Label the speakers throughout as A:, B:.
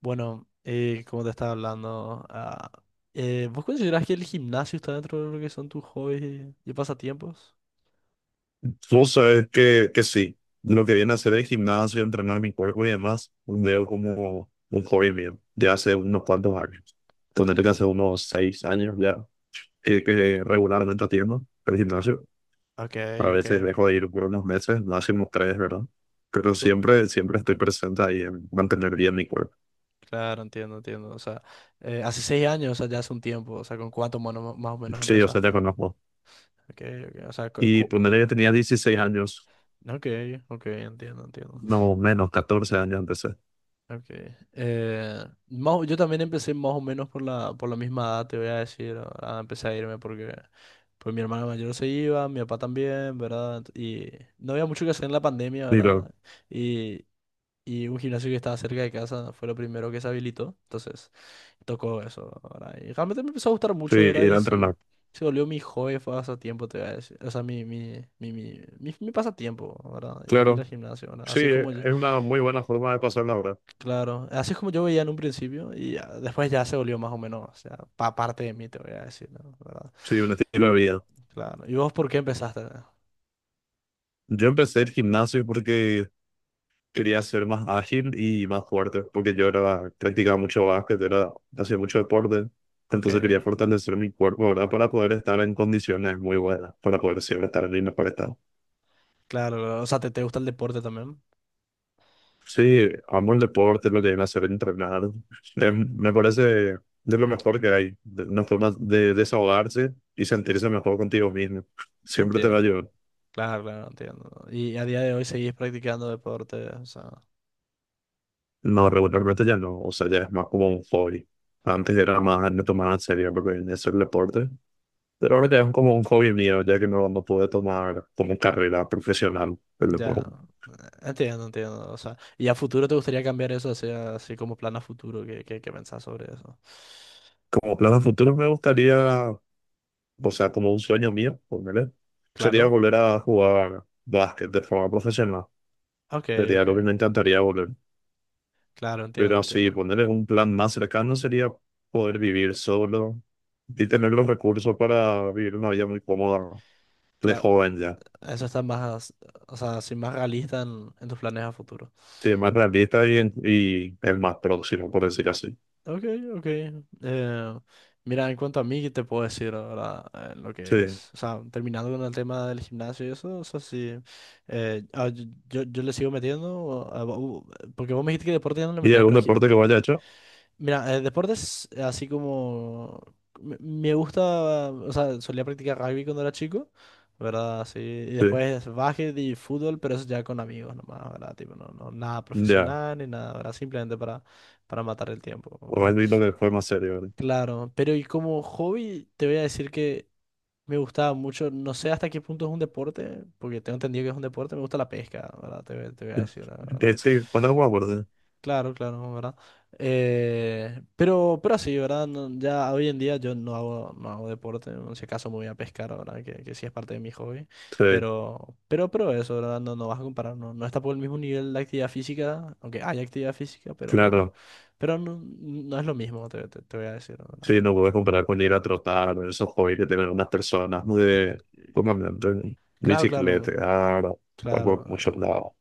A: Bueno, como te estaba hablando, ¿vos considerás que el gimnasio está dentro de lo que son tus hobbies y pasatiempos?
B: Tú sabes que sí, lo que viene a hacer el gimnasio, entrenar mi cuerpo y demás, veo como un hobby mío de hace unos cuantos años. Tendré que hace unos 6 años ya, y que regularmente atiendo el gimnasio.
A: Ok,
B: A
A: ok.
B: veces dejo de ir por unos meses, máximo 3, ¿verdad? Pero
A: Cl-
B: siempre estoy presente ahí en mantener bien mi cuerpo.
A: Claro, entiendo, entiendo. O sea, hace 6 años, o sea, ya hace un tiempo, o sea, ¿con cuánto mono más o menos
B: Sí, yo sé, te
A: empezaste?
B: conozco.
A: Ok, ok. O sea,
B: Y ponerle que tenía 16 años,
A: ok, ok, entiendo, entiendo.
B: no menos, 14 años empecé.
A: Okay. Yo también empecé más o menos por la misma edad, te voy a decir. Empecé a irme porque, pues, mi hermana mayor se iba, mi papá también, ¿verdad? Y no había mucho que hacer en la pandemia,
B: Digo,
A: ¿verdad? Y, y un gimnasio que estaba cerca de casa fue lo primero que se habilitó. Entonces, tocó eso, ¿verdad? Y realmente me empezó a gustar
B: sí,
A: mucho, ¿verdad?
B: ir
A: Y
B: a
A: se,
B: entrenar.
A: se volvió mi hobby, fue pasatiempo, te voy a decir. O sea, mi pasatiempo, ¿verdad? Ir, ir
B: Claro,
A: al gimnasio, ¿verdad?
B: sí,
A: Así es como yo.
B: es una muy buena forma de pasar la hora.
A: Claro, así es como yo veía en un principio y ya, después ya se volvió más o menos, o sea, pa parte de mí, te voy a decir, ¿no? ¿Verdad?
B: Sí, un estilo de vida.
A: Claro. ¿Y vos por qué empezaste?
B: Yo empecé el gimnasio porque quería ser más ágil y más fuerte, porque yo era, practicaba mucho básquet, era, hacía mucho deporte.
A: Ok.
B: Entonces quería fortalecer mi cuerpo, ¿verdad? Para poder estar en condiciones muy buenas, para poder siempre estar en el mejor estado.
A: Claro, claro. O sea, ¿te gusta el deporte también?
B: Sí, amo el deporte, lo que viene a hacer entrenar. Me parece de lo mejor
A: Ok.
B: que hay, de una forma de desahogarse y sentirse mejor contigo mismo. Siempre te va a
A: Entiendo,
B: ayudar.
A: claro, claro, entiendo. Y a día de hoy seguís practicando deporte, o sea,
B: No, regularmente ya no, o sea, ya es más como un hobby. Antes era más, no tomaba en serio porque en eso el deporte, pero ahora ya es como un hobby mío, ya que no, no pude tomar como carrera profesional el
A: ya,
B: deporte.
A: entiendo, entiendo. O sea, ¿y a futuro te gustaría cambiar eso, así, así como plan a futuro? ¿Qué pensás sobre eso?
B: Como plan a futuro me gustaría, o sea, como un sueño mío, ponerle, sería
A: Claro,
B: volver a jugar básquet de forma profesional.
A: ok,
B: Sería
A: ok,
B: lo que me encantaría volver.
A: claro, entiendo,
B: Pero sí,
A: entiendo.
B: ponerle un plan más cercano sería poder vivir solo y tener los recursos para vivir una vida muy cómoda de
A: Claro,
B: joven ya.
A: eso está más, o sea, así más realista en tus planes a futuro.
B: Sí, más realista y, y el más próximo, por decir así.
A: Ok, ok. Eh, Mira, en cuanto a mí, ¿qué te puedo decir ahora, lo que
B: Sí.
A: es? O sea, terminando con el tema del gimnasio y eso, o sea, sí. eh, ah, yo, yo le sigo metiendo, porque vos me dijiste que deporte ya no le
B: ¿Y
A: metes,
B: algún
A: pero
B: deporte que vaya hecho?
A: mira, deportes, así como. Me gusta, o sea, solía practicar rugby cuando era chico, ¿verdad? Sí, y
B: Sí.
A: después básquet y fútbol, pero eso ya con amigos nomás, ¿verdad? Tipo, no, no, nada
B: Ya.
A: profesional ni nada, ¿verdad? Simplemente para matar el tiempo, ¿verdad?
B: Bueno, y lo que fue más serio, ¿verdad?
A: Claro, pero y como hobby te voy a decir que me gustaba mucho, no sé hasta qué punto es un deporte, porque tengo entendido que es un deporte, me gusta la pesca, ¿verdad? Te voy a decir, la ¿verdad?
B: Sí, cuando jugaba, ¿verdad?
A: Claro, claro, ¿verdad? Pero así, ¿verdad? Ya hoy en día yo no hago deporte, en ese caso me voy a pescar, ¿verdad? Que sí es parte de mi hobby,
B: Sí,
A: pero eso, ¿verdad? No vas a comparar, no está por el mismo nivel de actividad física, aunque hay actividad física, pero no,
B: claro.
A: pero no, no, es lo mismo, te voy a decir, ¿verdad?
B: Sí, no puedes comparar con ir a trotar, esos hobbies que tienen unas personas muy de, ¿cómo hablan? De
A: Claro, claro.
B: bicicleta, algo mucho
A: Claro,
B: lado.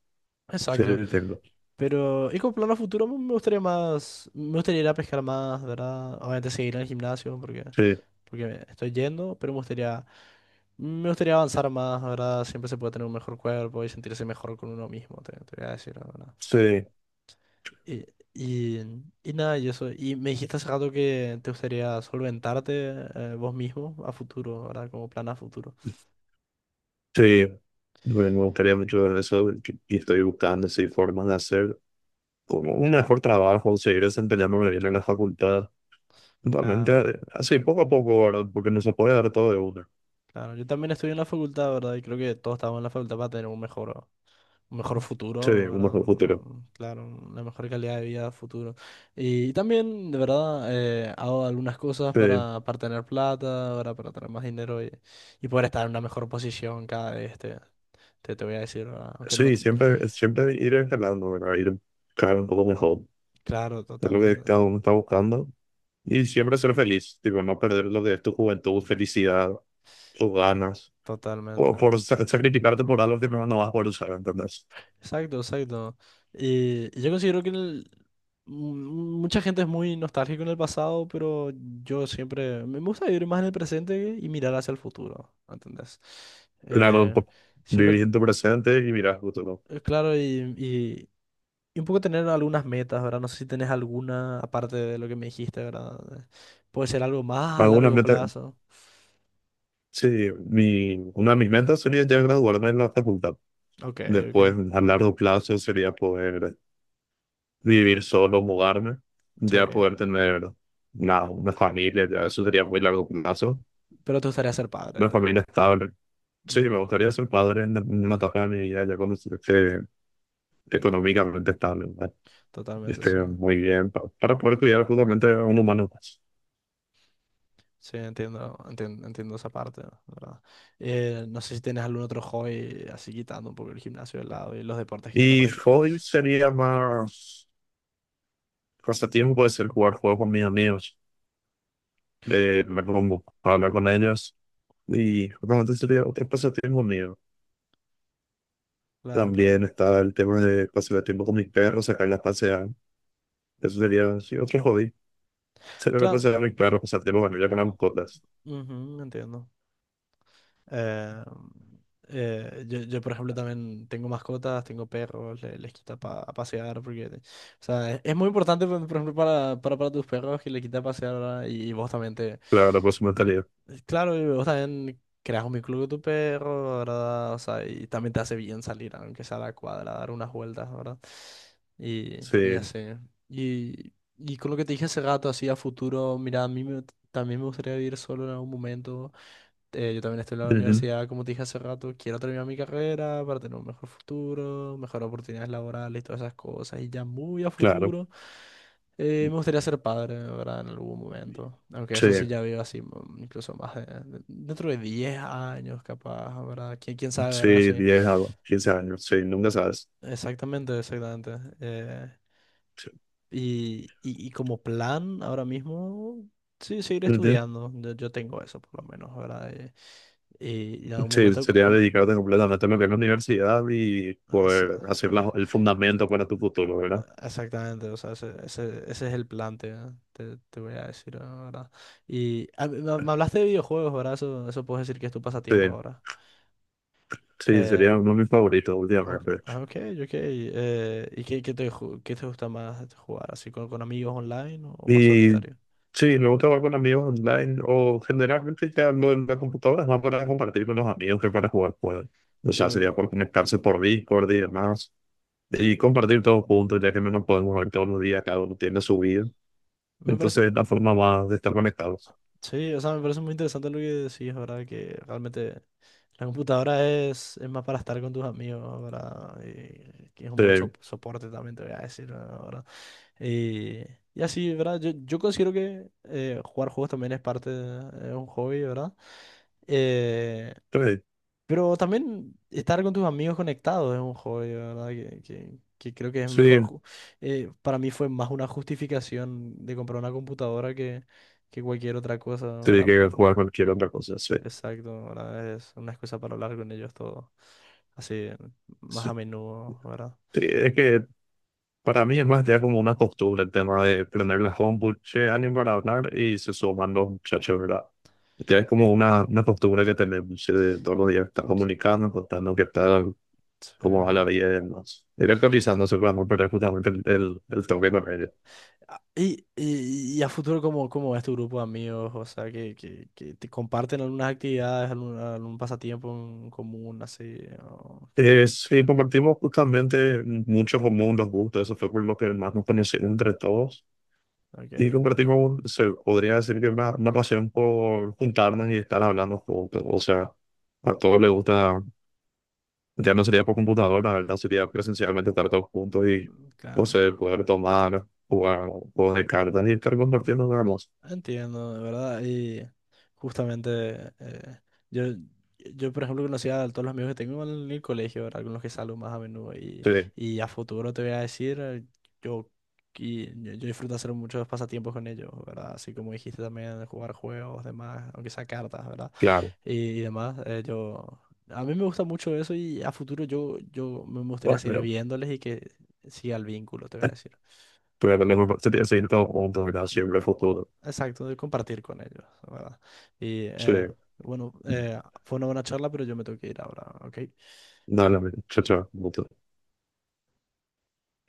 B: Sí,
A: exacto.
B: tengo.
A: Pero, y con plan a futuro me gustaría más, me gustaría ir a pescar más, ¿verdad? Obviamente seguir en el gimnasio porque,
B: Sí,
A: porque estoy yendo, pero me gustaría avanzar más, ¿verdad? Siempre se puede tener un mejor cuerpo y sentirse mejor con uno mismo, te voy a decir, la ¿verdad?
B: sí,
A: Y, y, y nada, y eso. Y me dijiste hace rato que te gustaría solventarte, vos mismo a futuro, ¿verdad? Como plan a futuro.
B: sí. Bueno, me gustaría mucho ver eso y estoy buscando así formas de hacer como un mejor trabajo, seguir desempeñándome bien en la facultad. Realmente,
A: Claro,
B: así poco a poco, ¿verdad? Porque no se puede dar todo de uno.
A: claro. Yo también estoy en la facultad, ¿verdad? Y creo que todos estamos en la facultad para tener un mejor
B: Sí,
A: futuro,
B: uno
A: ¿verdad?
B: es el futuro.
A: Claro, una mejor calidad de vida futuro. Y, también, de verdad, hago algunas cosas
B: Sí,
A: para tener plata, ¿verdad? Para tener más dinero y poder estar en una mejor posición cada vez, te voy a decir, ¿verdad? Aunque no.
B: sí, siempre ir escalando, ¿verdad? Ir cada vez un poco mejor.
A: Claro,
B: Es lo que
A: totalmente,
B: cada uno está buscando. Y siempre ser feliz, tipo, no perder lo que es tu juventud, felicidad, tus ganas. O
A: totalmente.
B: por sacrificarte por algo que no vas a poder usar, ¿entendés?
A: Exacto, exacto. Y yo considero que mucha gente es muy nostálgica en el pasado, pero yo siempre me gusta vivir más en el presente y mirar hacia el futuro, ¿entendés?
B: Claro,
A: Eh,
B: por
A: Siempre,
B: vivir en tu presente y mirar al futuro.
A: claro, y- y un poco tener algunas metas, ¿verdad? No sé si tenés alguna, aparte de lo que me dijiste, ¿verdad? Puede ser algo más a
B: Alguna
A: largo
B: vez
A: plazo.
B: sí, mi, una de mis metas sería ya graduarme en la facultad.
A: Ok,
B: Después,
A: ok,
B: a largo plazo, sería poder vivir solo, mudarme,
A: sí.
B: ya poder tener una familia, ya eso sería muy largo plazo.
A: Pero te gustaría ser padre,
B: Una familia estable. Sí, me
A: Ujú.
B: gustaría ser padre en una etapa de mi vida, ya cuando esté económicamente estable, ¿verdad?
A: Totalmente,
B: Esté
A: sí.
B: muy bien, para poder cuidar justamente a un humano más.
A: Sí, entiendo, entiendo, entiendo esa parte, la ¿verdad? No sé si tienes algún otro hobby así quitando un poco el gimnasio de lado y los deportes que ya no
B: Y hoy
A: practicas.
B: sería más pasatiempo, puede ser jugar juegos con mis amigos, verme hablar con ellos. Y bueno, entonces sería un pasatiempo mío.
A: Claro, claro.
B: También está el tema de pasar el tiempo con mis perros, sacarlas a pasear. Eso sería sí, otro hobby. Sacar a
A: Claro,
B: pasear a mis perros, pasar tiempo con ellos, con las mascotas.
A: ujú, entiendo. Eh, yo, por ejemplo, también tengo mascotas, tengo perros, les quita a pasear porque, o sea, es muy importante, por ejemplo, para tus perros que les quita a pasear, ¿verdad? Y vos también te.
B: Claro, por su mentalidad.
A: Claro, y vos también creas un vínculo con tu perro, ¿verdad? O sea, y también te hace bien salir, aunque sea a la cuadra, dar unas vueltas, ¿verdad? Y,
B: Sí,
A: y así. Y, y con lo que te dije hace rato, así a futuro, mira, a mí también me gustaría vivir solo en algún momento. Yo también estoy en la
B: ujú,
A: universidad, como te dije hace rato, quiero terminar mi carrera para tener un mejor futuro, mejor oportunidades laborales, todas esas cosas, y ya muy a
B: claro.
A: futuro, me gustaría ser padre, ¿verdad? En algún momento, aunque
B: Sí,
A: eso sí ya veo así, incluso más dentro de 10 años capaz, ¿verdad? ¿Quién quién sabe? ¿Verdad?
B: sí,
A: Sí,
B: 10 a 15 años. Sí, nunca sabes.
A: exactamente, exactamente. eh,
B: Sí,
A: y, y, y como plan, ahora mismo, sí, seguir
B: ujú.
A: estudiando, yo tengo eso por lo menos, ¿verdad? Y en algún
B: Sí,
A: momento
B: sería dedicarte completamente a lo que es la universidad y poder
A: Esa-
B: hacer el fundamento para tu futuro, ¿verdad?
A: exactamente, o sea, ese es el plan, te voy a decir ahora. Y me hablaste de videojuegos, ¿verdad? Eso puedes decir que es tu
B: Sí,
A: pasatiempo ahora.
B: sí,
A: Eh,
B: sería uno de mis favoritos
A: ok,
B: últimamente.
A: ok. Ok, ¿y qué te gusta más jugar? ¿Así con amigos online o más
B: Y
A: solitario?
B: sí, me gusta jugar con amigos online o generalmente ya lo en la computadora es más para compartir con los amigos que para jugar juegos. O
A: Yo
B: sea,
A: creo
B: sería por
A: que.
B: conectarse por Discord y demás y compartir todos juntos, ya que no nos podemos ver todos los días, cada uno tiene su vida.
A: Me parece.
B: Entonces es la forma más de estar conectados.
A: Sí, o sea, me parece muy interesante lo que decís, ¿verdad? Que realmente la computadora es más para estar con tus amigos, ¿verdad? Y que es un buen
B: Sí,
A: soporte también, te voy a decir, ¿verdad? Y así, ¿verdad? Yo considero que jugar juegos también es es un hobby, ¿verdad? Eh,
B: sí,
A: pero también estar con tus amigos conectados es un hobby, ¿verdad? Que creo que es
B: sí,
A: mejor. Para mí fue más una justificación de comprar una computadora que cualquier otra cosa,
B: sí,
A: ¿verdad?
B: que jugar cualquier otra cosa. Sí,
A: Exacto, ¿verdad? Es una excusa para hablar con ellos todo así más
B: sí.
A: a menudo, ¿verdad?
B: Sí, es que para mí es más ya como una costumbre el tema de prender la compu, che, ánimo para hablar y se suman los muchachos, ¿verdad? Ya es como una costumbre que tenemos de todos los días estar
A: Sí.
B: comunicando, contando qué tal,
A: Sí.
B: cómo va la vida y demás. Ir actualizándose para perder justamente el toque de redes.
A: Ah, y a futuro, ¿cómo es tu grupo de amigos? O sea, que te comparten algunas actividades, algún pasatiempo en común, así. o que-
B: Sí, compartimos justamente mucho común los gustos, eso fue por lo que más nos conoció entre todos.
A: ok,
B: Y
A: entiendo.
B: compartimos, se podría decir que una pasión por juntarnos y estar hablando juntos. O sea, a todos les gusta. Ya no sería por computadora, la verdad, sería presencialmente estar todos juntos y
A: Claro,
B: poseer, poder tomar, jugar, juegos de cartas y estar compartiendo dramas.
A: entiendo, de verdad. Y justamente, yo, yo, por ejemplo, conocí a todos los amigos que tengo en el colegio, ¿verdad? Con los que salgo más a menudo. Y,
B: Sí,
A: y a futuro te voy a decir, yo, yo disfruto hacer muchos pasatiempos con ellos, ¿verdad? Así como dijiste también, jugar juegos, demás, aunque sea cartas, ¿verdad?
B: claro.
A: y, y demás. A mí me gusta mucho eso y a futuro yo me gustaría
B: Bueno,
A: seguir viéndoles y que siga el vínculo, te voy a
B: eh,
A: decir.
B: pero lo mejor sería seguir todos juntos, ¿verdad? Siempre el futuro.
A: Exacto, de compartir con ellos, ¿verdad? Y
B: Sí,
A: bueno, fue una buena charla, pero yo me tengo que ir ahora, ¿ok?
B: dale, amigo. Chao, chao.